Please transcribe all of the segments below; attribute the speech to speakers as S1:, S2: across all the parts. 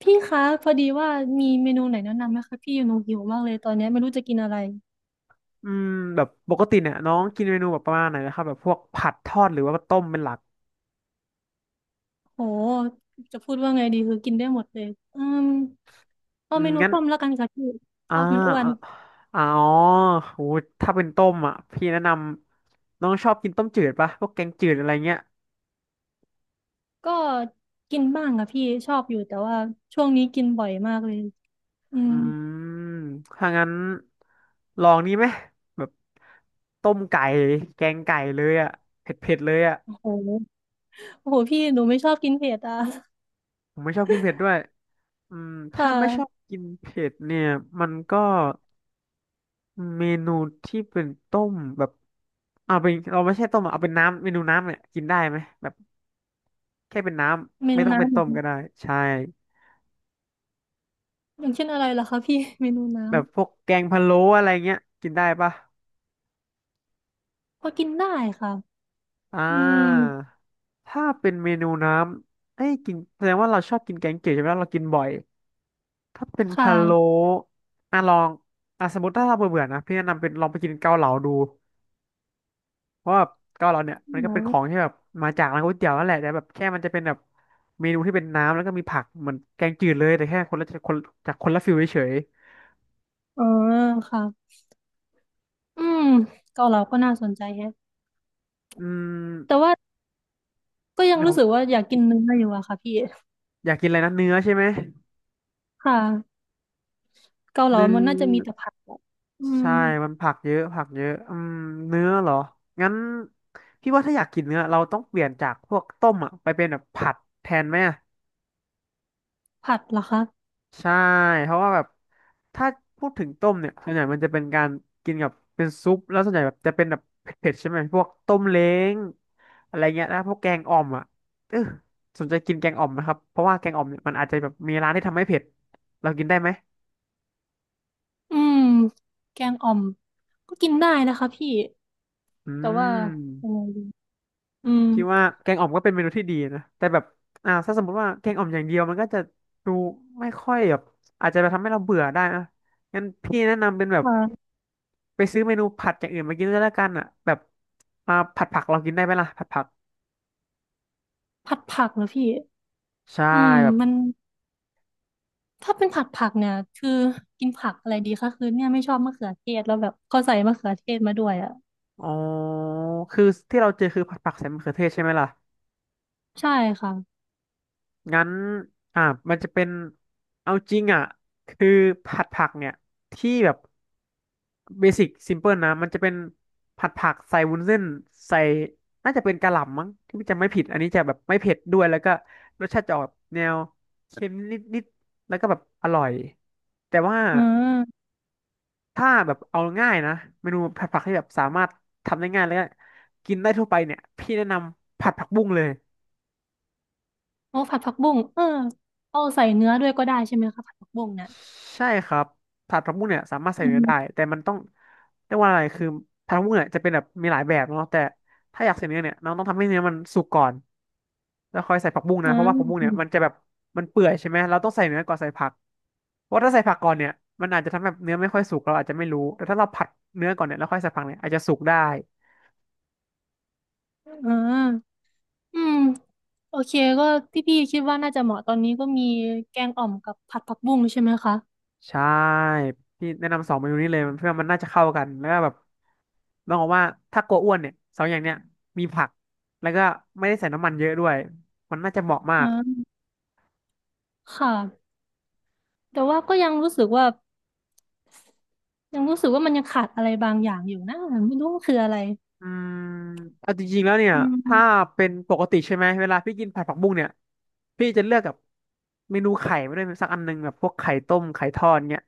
S1: พี่คะพอดีว่ามีเมนูไหนแนะนำไหมคะพี่หนูหิวมากเลยตอนนี้ไม่รู้จะกินอะไร
S2: อืมแบบปกติเนี่ยน้องกินเมนูแบบประมาณไหนนะครับแบบพวกผัดทอดหรือว่าต้มเป็นหลัก
S1: โหจะพูดว่าไงดีคือกินได้หมดเลยอืมเอา
S2: อื
S1: เม
S2: ม
S1: นู
S2: งั้น
S1: ต้มแล้วกันค่ะพี่ท
S2: อ่า
S1: อดมันอ้วน
S2: อ่าอ๋อโหถ้าเป็นต้มอ่ะพี่แนะนำน้องชอบกินต้มจืดปะพวกแกงจืดอะไรเงี้ย
S1: ก็กินบ้างค่ะพี่ชอบอยู่แต่ว่าช่วงนี้กินบ่อยมากเลยอื
S2: อื
S1: ม
S2: มถ้างั้นลองนี้ไหมแบบต้มไก่แกงไก่เลยอ่ะเผ็ดเผ็ดเลยอ่ะ
S1: โหโอ้โหพี่หนูไม่ชอบกินเผ็ดอ่ะ
S2: ผมไม่ชอบกินเผ็ดด้วย
S1: ค่ะ
S2: ถ้าไม่ชอบกินเผ็ดเนี่ยมันก็ เมนูที่เป็นต้มแบบเอาเป็นเราไม่ใช่ต้มอะเอาเป็นน้ำเมนูน้ำเนี่ยกินได้ไหมแบบแค่เป็นน้
S1: เม
S2: ำไม่
S1: นู
S2: ต้องเป็น
S1: น้ำเหร
S2: ต้
S1: อ
S2: ม
S1: คะ
S2: ก็ได้ใช่
S1: อย่างเช่นอะไรล่ะคะพี่เมนูน้
S2: แบบพวกแกงพะโล้อะไรเงี้ยกินได้ปะ
S1: ำพอกินได้ค่ะ
S2: อ่า
S1: อืม
S2: ถ้าเป็นเมนูน้ำเอ้ยกินแสดงว่าเราชอบกินแกงเขียวใช่ไหมเรากินบ่อยถ้าเป็น
S1: ค
S2: พะโล้
S1: ่ะ
S2: อ่ะลองอ่ะสมมติถ้าเราเบื่อๆนะพี่แนะนำเป็นลองไปกินเกาเหลาดู เพราะว่าเกาเหลาเนี่ยมันก็เป็นข
S1: ออ
S2: องที่แบบมาจากร้านก๋วยเตี๋ยวนั่นแหละแต่แบบแค่มันจะเป็นแบบเมนูที่เป็นน้ำแล้วก็มีผักเหมือนแกงจืดเลยแต่แค่คนละคนจากคนละฟิลเฉย
S1: เออค่ะ อืมเกาเหลาก็น่าสนใจแฮะ
S2: ๆ
S1: แต่ว่าก็ยัง
S2: นะค
S1: รู้
S2: รั
S1: สึก
S2: บ
S1: ว่าอยากกินเนื้ออยู่อะค่ะพี่
S2: อยากกินอะไรนะเนื้อใช่ไหม
S1: ค่ะเกาเหลา
S2: เนื้อ
S1: มันน่าจะมีแต่ผัดอะอืม
S2: ใช่มันผักเยอะผักเยอะเนื้อเหรองั้นพี่ว่าถ้าอยากกินเนื้อเราต้องเปลี่ยนจากพวกต้มอ่ะไปเป็นแบบผัดแทนไหม
S1: ผัดเหรอคะ
S2: ใช่เพราะว่าแบบถ้าพูดถึงต้มเนี่ยส่วนใหญ่มันจะเป็นการกินกับเป็นซุปแล้วส่วนใหญ่แบบจะเป็นแบบเผ็ดๆใช่ไหมพวกต้มเล้งอะไรเงี้ยแล้วพวกแกงอ่อมอ่ะเออสนใจกินแกงอ่อมนะครับเพราะว่าแกงอ่อมเนี่ยมันอาจจะแบบมีร้านที่ทำให้เผ็ดเรากินได้ไหม
S1: อืมแกงอ่อมกินได้นะคะพี่
S2: อื
S1: แต่ว่ายั
S2: ม
S1: งไงดีอืม
S2: พี่ว่าแกงอ่อมก็เป็นเมนูที่ดีนะแต่แบบถ้าสมมติว่าแกงอ่อมอย่างเดียวมันก็จะดูไม่ค่อยแบบอาจจะไปทำให้เราเบื่อได้นะงั้นพี่แนะนำเป็นแบบ
S1: ค่ะ
S2: ไปซื้อเมนูผัดอย่างอื่นมากินด้วยแล้วกันอ่ะแบบมาผัดผักเรากินได้ไหมล่ะผัดผัก
S1: ผัดผักเหรอพี่
S2: ใช่
S1: อืม
S2: แบบ
S1: มันถ้าเป็นผัดผักเนี่ยคือกินผักอะไรดีคะคือเนี่ยไม่ชอบมะเขือเทศแล้วแบบเขาใส่มะเขือเทศมาด้วยอะ
S2: อ๋อคือที่เราเจอคือผัดผักใส่มะเขือเทศใช่ไหมล่ะ
S1: ใช่ค่ะ
S2: งั้นอ่ามันจะเป็นเอาจริงอ่ะคือผัดผักเนี่ยที่แบบเบสิกซิมเพิลนะมันจะเป็นผัดผักใส่วุ้นเส้นใส่น่าจะเป็นกะหล่ำมั้งที่จะไม่ผิดอันนี้จะแบบไม่เผ็ดด้วยแล้วก็รสชาติจะออกแนวเค็มนิดๆแล้วก็แบบอร่อยแต่ว่า
S1: อืม
S2: ถ้าแบบเอาง่ายนะเมนูผัดผักที่แบบสามารถทำได้ง่ายแล้วก็กินได้ทั่วไปเนี่ยพี่แนะนำผัดผักบุ้งเลย
S1: โอ้ผัดผักบุ้งเออเอาใส่เนื้อด้วยก็ได้ใช่ไหมคะผัดผักบุ้งเนี่ย
S2: ใช่ครับผัดผักบุ้งเนี่ยสามารถใส่
S1: อื
S2: เนื้อได้
S1: ม
S2: แต่มันต้องเรียกว่าอะไรคือผัดผักบุ้งเนี่ยจะเป็นแบบมีหลายแบบเนาะแต่ถ้าอยากใส่เนื้อเนี่ยน้องต้องทำให้เนื้อมันสุกก่อนแล้วค่อยใส่ผักบุ้งนะ
S1: อ่า
S2: เพราะว่าผักบุ้งเนี่ยมัน
S1: อ
S2: จะแบบมันเปื่อยใช่ไหมเราต้องใส่เนื้อก่อนใส่ผักเพราะถ้าใส่ผักก่อนเนี่ยมันอาจจะทำให้แบบเนื้อไม่ค่อยสุกเราอาจจะไม่รู้แต่ถ้าเราผัดเนื้อก่อนเนี่ยแล้วค่อยใส่ผักเนี่ยอาจจะสุกได้
S1: ่าอืมโอเคก็ที่พี่คิดว่าน่าจะเหมาะตอนนี้ก็มีแกงอ่อมกับผัดผักบุ้งใช่ไหมคะ
S2: ใช่พี่แนะนำสองเมนูนี้เลยเพื่อมันน่าจะเข้ากันแล้วก็แบบต้องบอกว่าถ้ากลัวอ้วนเนี่ยสองอย่างเนี้ยมีผักแล้วก็ไม่ได้ใส่น้ำมันเยอะด้วยมันน่าจะเหมาะมาก
S1: อ่าค่ะแต่ว่าก็ยังรู้สึกว่ามันยังขาดอะไรบางอย่างอยู่นะไม่รู้ว่าคืออะไร
S2: อืมเอาจริงๆแล้วเนี่ย
S1: อื
S2: ถ้า
S1: ม
S2: เป็นปกติใช่ไหมเวลาพี่กินผัดผักบุ้งเนี่ยพี่จะเลือกกับเมนูไข่ไม่ได้วยสักอันหนึงแบบพวกไข่ต้มไข่ทอดเนี่ย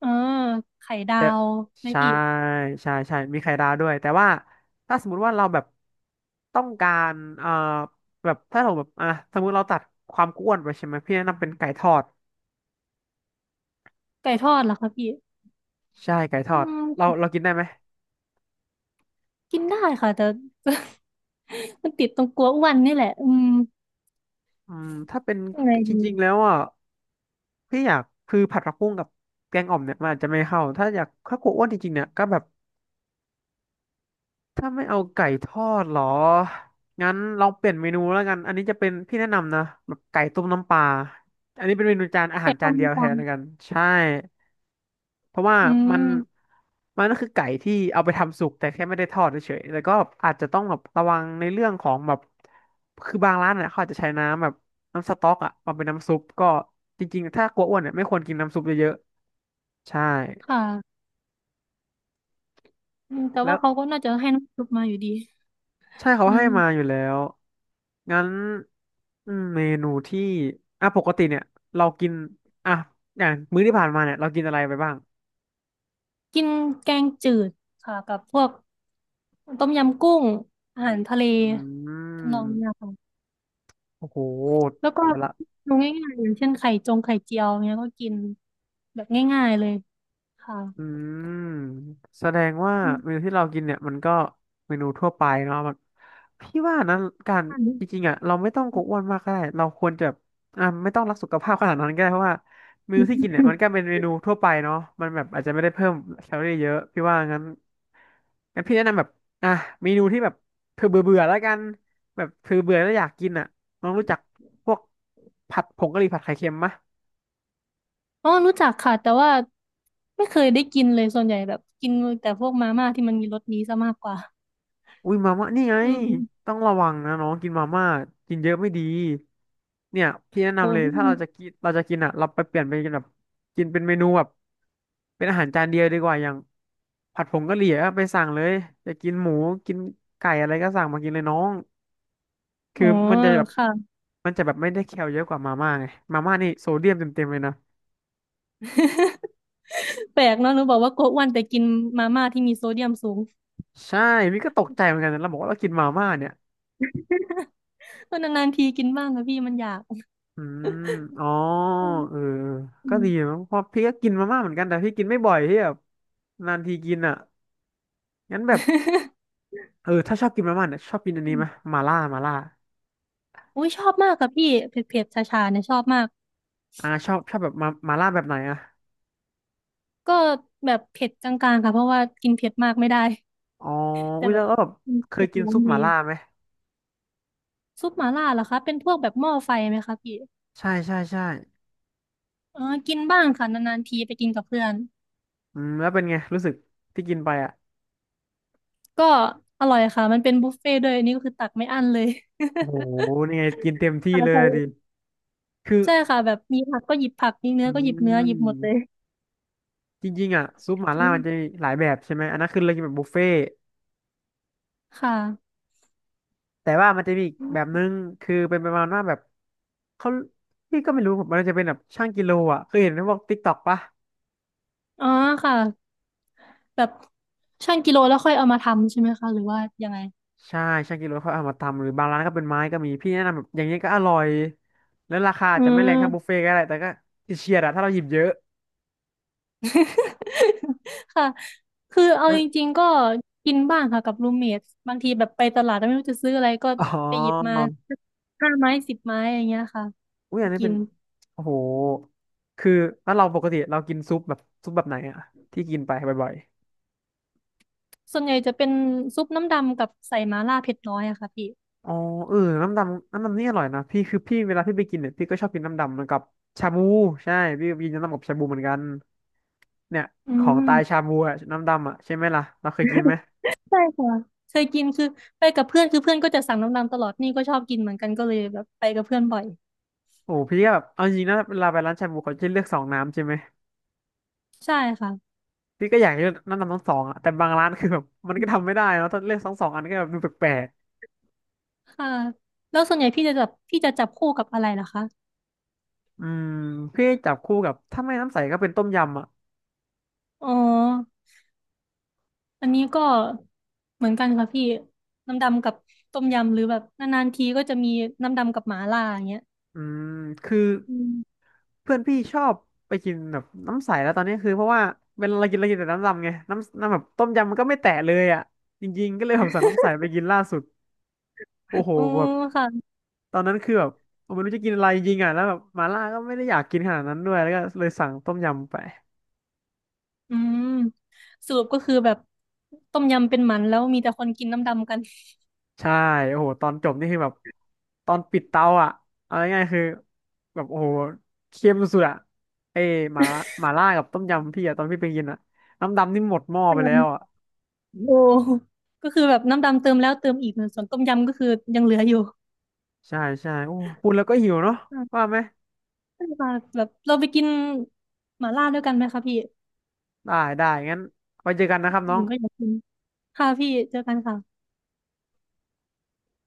S1: อ่าไข่ดา
S2: แต่
S1: วไหม
S2: ใช่
S1: พี่
S2: ใช่ใช่มีไข่ดาวด้วยแต่ว่าถ้าสมมติว่าเราแบบต้องการเอ่อแบบถ้าเราแบบอ่ะสมมติเราตัดความอ้วนไปใช่ไหมพี่แนะนำเป็นไก่ทอด
S1: ไก่ทอดเหรอคะพี่
S2: ใช่ไก่ท
S1: อื
S2: อดเรา
S1: ม
S2: เรากินได้ไหม
S1: กินได้ค่ะแต่ มันติดตรงกลัวอ้วนนี่แหละอืม
S2: ถ้าเป็น
S1: ยังไง
S2: จ
S1: ดี
S2: ริงๆแล้วอ่ะพี่อยากคือผัดผักบุ้งกับแกงอ่อมเนี่ยมันอาจจะไม่เข้าถ้าอยากถ้ากลัวอ้วนจริงๆเนี่ยก็แบบ ถ้าไม่เอาไก่ทอดเหรองั้นลองเปลี่ยนเมนูแล้วกันอันนี้จะเป็นพี่แนะนำนะแบบไก่ต้มน้ำปลาอันนี้เป็นเมนูจานอาหา
S1: แต่
S2: รจา
S1: ก็
S2: นเดี
S1: ไม่
S2: ยวแท
S1: ฟั
S2: น
S1: ง
S2: แล้วกันใช่เพราะว่า
S1: อื
S2: มัน
S1: ม
S2: มันก็คือไก่ที่เอาไปทำสุกแต่แค่ไม่ได้ทอดเฉยๆแล้วก็อาจจะต้องแบบระวังในเรื่องของแบบคือบางร้านเนี่ยเขาอาจจะใช้น้ำแบบน้ำสต๊อกอะมาเป็นน้ำซุปก็จริงๆถ้ากลัวอ้วนเนี่ยไม่ควรกินน้ำซุปเยอะๆใช่
S1: ค่ะอืมแต่
S2: แล้
S1: ว่า
S2: ว
S1: เขาก็น่าจะให้น้ำซุปมาอยู่ดี
S2: ใช่เขา
S1: อื
S2: ให้
S1: ม
S2: มาอยู่แล้วงั้นอืมเมนูที่อ่ะปกติเนี่ยเรากินอ่ะอย่างมื้อที่ผ่านมาเนี่ยเรากินอะไรไปบ้าง
S1: กินแกงจืดค่ะกับพวกต้มยำกุ้งอาหารทะเล
S2: อื
S1: ทำนอง
S2: ม
S1: เนี้ยค่ะ
S2: โอ้โห
S1: แล้วก็
S2: แต่ละ
S1: ดูง่ายๆอย่างเช่นไข่จงไข่เจียวเนี้ยก็กินแบบง่ายๆเลยค่ะ
S2: อืมแสดงว่า
S1: อื
S2: เมนู
S1: ม
S2: ที่เรากินเนี่ยมันก็เมนูทั่วไปเนาะมันพี่ว่านะการ
S1: ค
S2: จริง
S1: ่ะ
S2: ๆอ่ะเราไม่ต้องกลัวอ้วนมากก็ได้เราควรจะแบบไม่ต้องรักสุขภาพขนาดนั้นก็ได้เพราะว่าเมนูที่กินเนี่ยมันก็เป็นเมนูทั่วไปเนาะมันแบบอาจจะไม่ได้เพิ่มแคลอรี่เยอะพี่ว่างั้นงั้นพี่แนะนำแบบอ่ะเมนูที่แบบเธอเบื่อเบื่อแล้วกันแบบเธอเบื่อแล้วอยากกินอ่ะน้องรู้จักพวกผัดผงกะหรี่ผัดไข่เค็มมะ
S1: อ๋อรู้จักค่ะแต่ว่าไม่เคยได้กินเลยส่วนใหญ่แบบกินแต่พวกมาม่าที่มันมีรสนี้ซะมากกว่า
S2: อุ้ยมาม่านี่ไง
S1: อืม
S2: ต้องระวังนะน้องกินมาม่ากินเยอะไม่ดีเนี่ยพี่แนะ
S1: โอ้
S2: นำเลย
S1: พี่
S2: ถ้าเราจะกินเราจะกินอ่ะเราไปเปลี่ยนไปกินแบบกินเป็นเมนูแบบเป็นอาหารจานเดียวดีกว่าอย่างผัดผงกะหรี่ก็ไปสั่งเลยจะกินหมูกินไก่อะไรก็สั่งมากินเลยน้อง
S1: อ๋
S2: คือ
S1: อ
S2: มันจะแบบ
S1: ค่ะ
S2: มันจะแบบไม่ได้แคลเยอะกว่ามาม่าไงมาม่านี่โซเดียมเต็มๆเลยนะ
S1: แปลกเนาะหนูบอกว่าโกะอ้วนแต่กินมาม่าที่มีโซเดียมสูง
S2: ใช่พี่ก็ตกใจเหมือนกันนะเราบอกว่าเรากินมาม่าเนี่ย
S1: เออนานๆทีกินบ้างค่ะพี่มันอยาก
S2: อืมอ๋อ
S1: อื
S2: เออ
S1: ม
S2: ก็ดีมะเพราะพี่ก็กินมาม่าเหมือนกัน แต่พี่กินไม่บ่อยพี่แบบนานทีกินอ่ะงั้นแบบ เออถ้าชอบกินมาม่าเนี่ยชอบกินอัน
S1: อื
S2: นี้ไห
S1: ม
S2: มมาล่ามาล่า
S1: อุ้ยชอบมากค่ะพี่เผ็ดๆชาชาๆเนี่ยชอบมาก
S2: ชอบชอบแบบมามาล่าแบบไหนอ่ะ
S1: ก็แบบเผ็ดกลางๆค่ะเพราะว่ากินเผ็ดมากไม่ได้
S2: อ๋อ
S1: แต่
S2: อุ้ย
S1: แบ
S2: แล้ว
S1: บ
S2: ก็แบบ
S1: อืม
S2: เคย
S1: เผ็ด
S2: กิน
S1: ร้อน
S2: ซุป
S1: ดี
S2: มาล่าไหม
S1: ซุปหม่าล่าเหรอคะเป็นพวกแบบหม้อไฟไหมคะพี่
S2: ใช่ใช่ใช่
S1: เออกินบ้างค่ะนานๆทีไปกินกับเพื่อน
S2: อืมแล้วเป็นไงรู้สึกที่กินไปอ่ะ
S1: ก็อร่อยค่ะมันเป็นบุฟเฟ่ต์ด้วยอันนี่ก็คือตักไม่อั้นเลย
S2: โอ้โหนี่ไงกินเต็ม ที่
S1: ค่ะ
S2: เลย
S1: ใช่
S2: อะดิคือ
S1: ใช่ค่ะแบบมีผักก็หยิบผักมีเนื้
S2: อื
S1: อก็หยิบเนื้อหยิบหมดเลย
S2: มจริงๆอ่ะซุปมาล่า
S1: อื
S2: มันจะมี
S1: ม
S2: หลายแบบใช่ไหม อันนั้นคือเรากินแบบบุฟเฟ่
S1: ค่ะ
S2: แต่ว่ามันจะมีอีกแบบนึงคือเป็นประมาณว่าแบบเขาพี่ก็ไม่รู้ผมมันจะเป็นแบบช่างกิโลอ่ะเคยเห็นในพวกติ๊กต็อกปะ
S1: อ๋อค่ะแบบชั่งกิโลแล้วค่อยเอามาทำใช่ไหมคะหรือว่ายังไง
S2: ใช่ช่างกิโลเขาเอามาทำหรือบางร้านก็เป็นไม้ก็มีพี่แนะนำแบบอย่างนี้ก็อร่อยแล้วราคาอา
S1: อื
S2: จจะไม่แรง
S1: ม
S2: เท่าบุฟเฟ่ต์ก็ได้แต่ก็เฉียดๆอะถ้าเราหยิบเยอะ
S1: ค่ะคือเอา
S2: แล้ว
S1: จริงๆกินบ้างค่ะกับรูมเมทบางทีแบบไปตลาดแล้วไม่รู้จะซื้ออะไรก็
S2: อ๋อ
S1: ไปหยิบมาห้าไม้สิบไม้อย่างเงี้ยค่ะ
S2: อุ้ย
S1: ไป
S2: อันนี้
S1: กิ
S2: เป็
S1: น
S2: นโอ้โหคือถ้าเราปกติเรากินซุปแบบซุปแบบไหนอะที่กินไปบ่อย
S1: ส่วนใหญ่จะเป็นซุปน้ำดำกับใส่มาล่าเผ็ดน้อยอะค่ะพี่
S2: อ๋อเออน้ำดำน้ำดำนี่อร่อยนะพี่คือพี่เวลาพี่ไปกินเนี่ยพี่ก็ชอบกินน้ำดำเหมือนกับชาบูใช่พี่ก็กินน้ำดำกับชาบูเหมือนกันเนี่ย
S1: อื
S2: ของ
S1: ม
S2: ตายชาบูอะน้ำดำอะใช่ไหมล่ะเราเคยกินไหม
S1: ใช่ค่ะเคยกินคือไปกับเพื่อนคือเพื่อนก็จะสั่งน้ำดำตลอดนี่ก็ชอบกินเหมือนกันก็เลยแบบไปกับเพื่อนบ่อย
S2: โอ้พี่ก็แบบเอาจริงนะเวลาไปร้านชาบูเขาจะเลือกสองน้ำใช่ไหม
S1: ใช่ค่ะ
S2: พี่ก็อยากเลือกน้ำดำทั้งสองอะแต่บางร้านคือแบบมันก็ทำไม่ได้เนอะถ้าเลือกทั้งสองอันก็แบบดูแปลก
S1: ค่ะแล้วส่วนใหญ่พี่จะจับคู่กับอะไรล่ะคะ
S2: ๆอืมพี่จับคู่กับถ้าไม่น้ำใสก็เป็นต้มยำอะ
S1: อ๋ออันนี้ก็เหมือนกันค่ะพี่น้ำดำกับต้มยำหรือแบบนานๆทีก็จะมีน้ำดำกับหมาล่าอย่างเงี้ย
S2: อืมคือ
S1: อืม
S2: เพื่อนพี่ชอบไปกินแบบน้ำใสแล้วตอนนี้คือเพราะว่าเวลาเรากินเรากินแต่น้ำดำไงน้ำแบบต้มยำมันก็ไม่แตะเลยอ่ะจริงๆก็เลยผมสั่งน้ำใสไปกินล่าสุดโอ้โห
S1: อ๋อ
S2: แบบ
S1: ค่ะ
S2: ตอนนั้นคือแบบผมไม่รู้จะกินอะไรจริงๆอ่ะแล้วแบบมาล่าก็ไม่ได้อยากกินขนาดนั้นด้วยแล้วก็เลยสั่งต้มยำไป
S1: อืมสรุปก็คือแบบต้มยำเป็นหมันแล้วมีแต่คนกินน้ำดำกัน
S2: ใช่โอ้โหตอนจบนี่คือแบบตอนปิดเตาอ่ะเอาง่ายๆคือแบบโอ้โหเค็มสุดๆอ่ะเอ้ยหมาหมาล่ากับต้มยำพี่อ่ะตอนพี่ไปกินอ่ะน้ำดำนี่หมดหม้อไปแล้วอ่ะ
S1: โอ้ก็คือแบบน้ำดำเติมแล้วเติมอีกส่วนต้มยำก็คือยังเหลืออยู่
S2: ใช่ใช่โอ้พูดแล้วก็หิวเนาะ
S1: อ่
S2: ว่า
S1: า
S2: ไหม
S1: ได้ค่ะแบบเราไปกินหม่าล่าด้วยกันไหมคะพี่
S2: ได้ได้งั้นไว้เจอกันนะครับ
S1: ผ
S2: น้อง
S1: มก็อยากกินค่ะพี่เจอกันค่ะ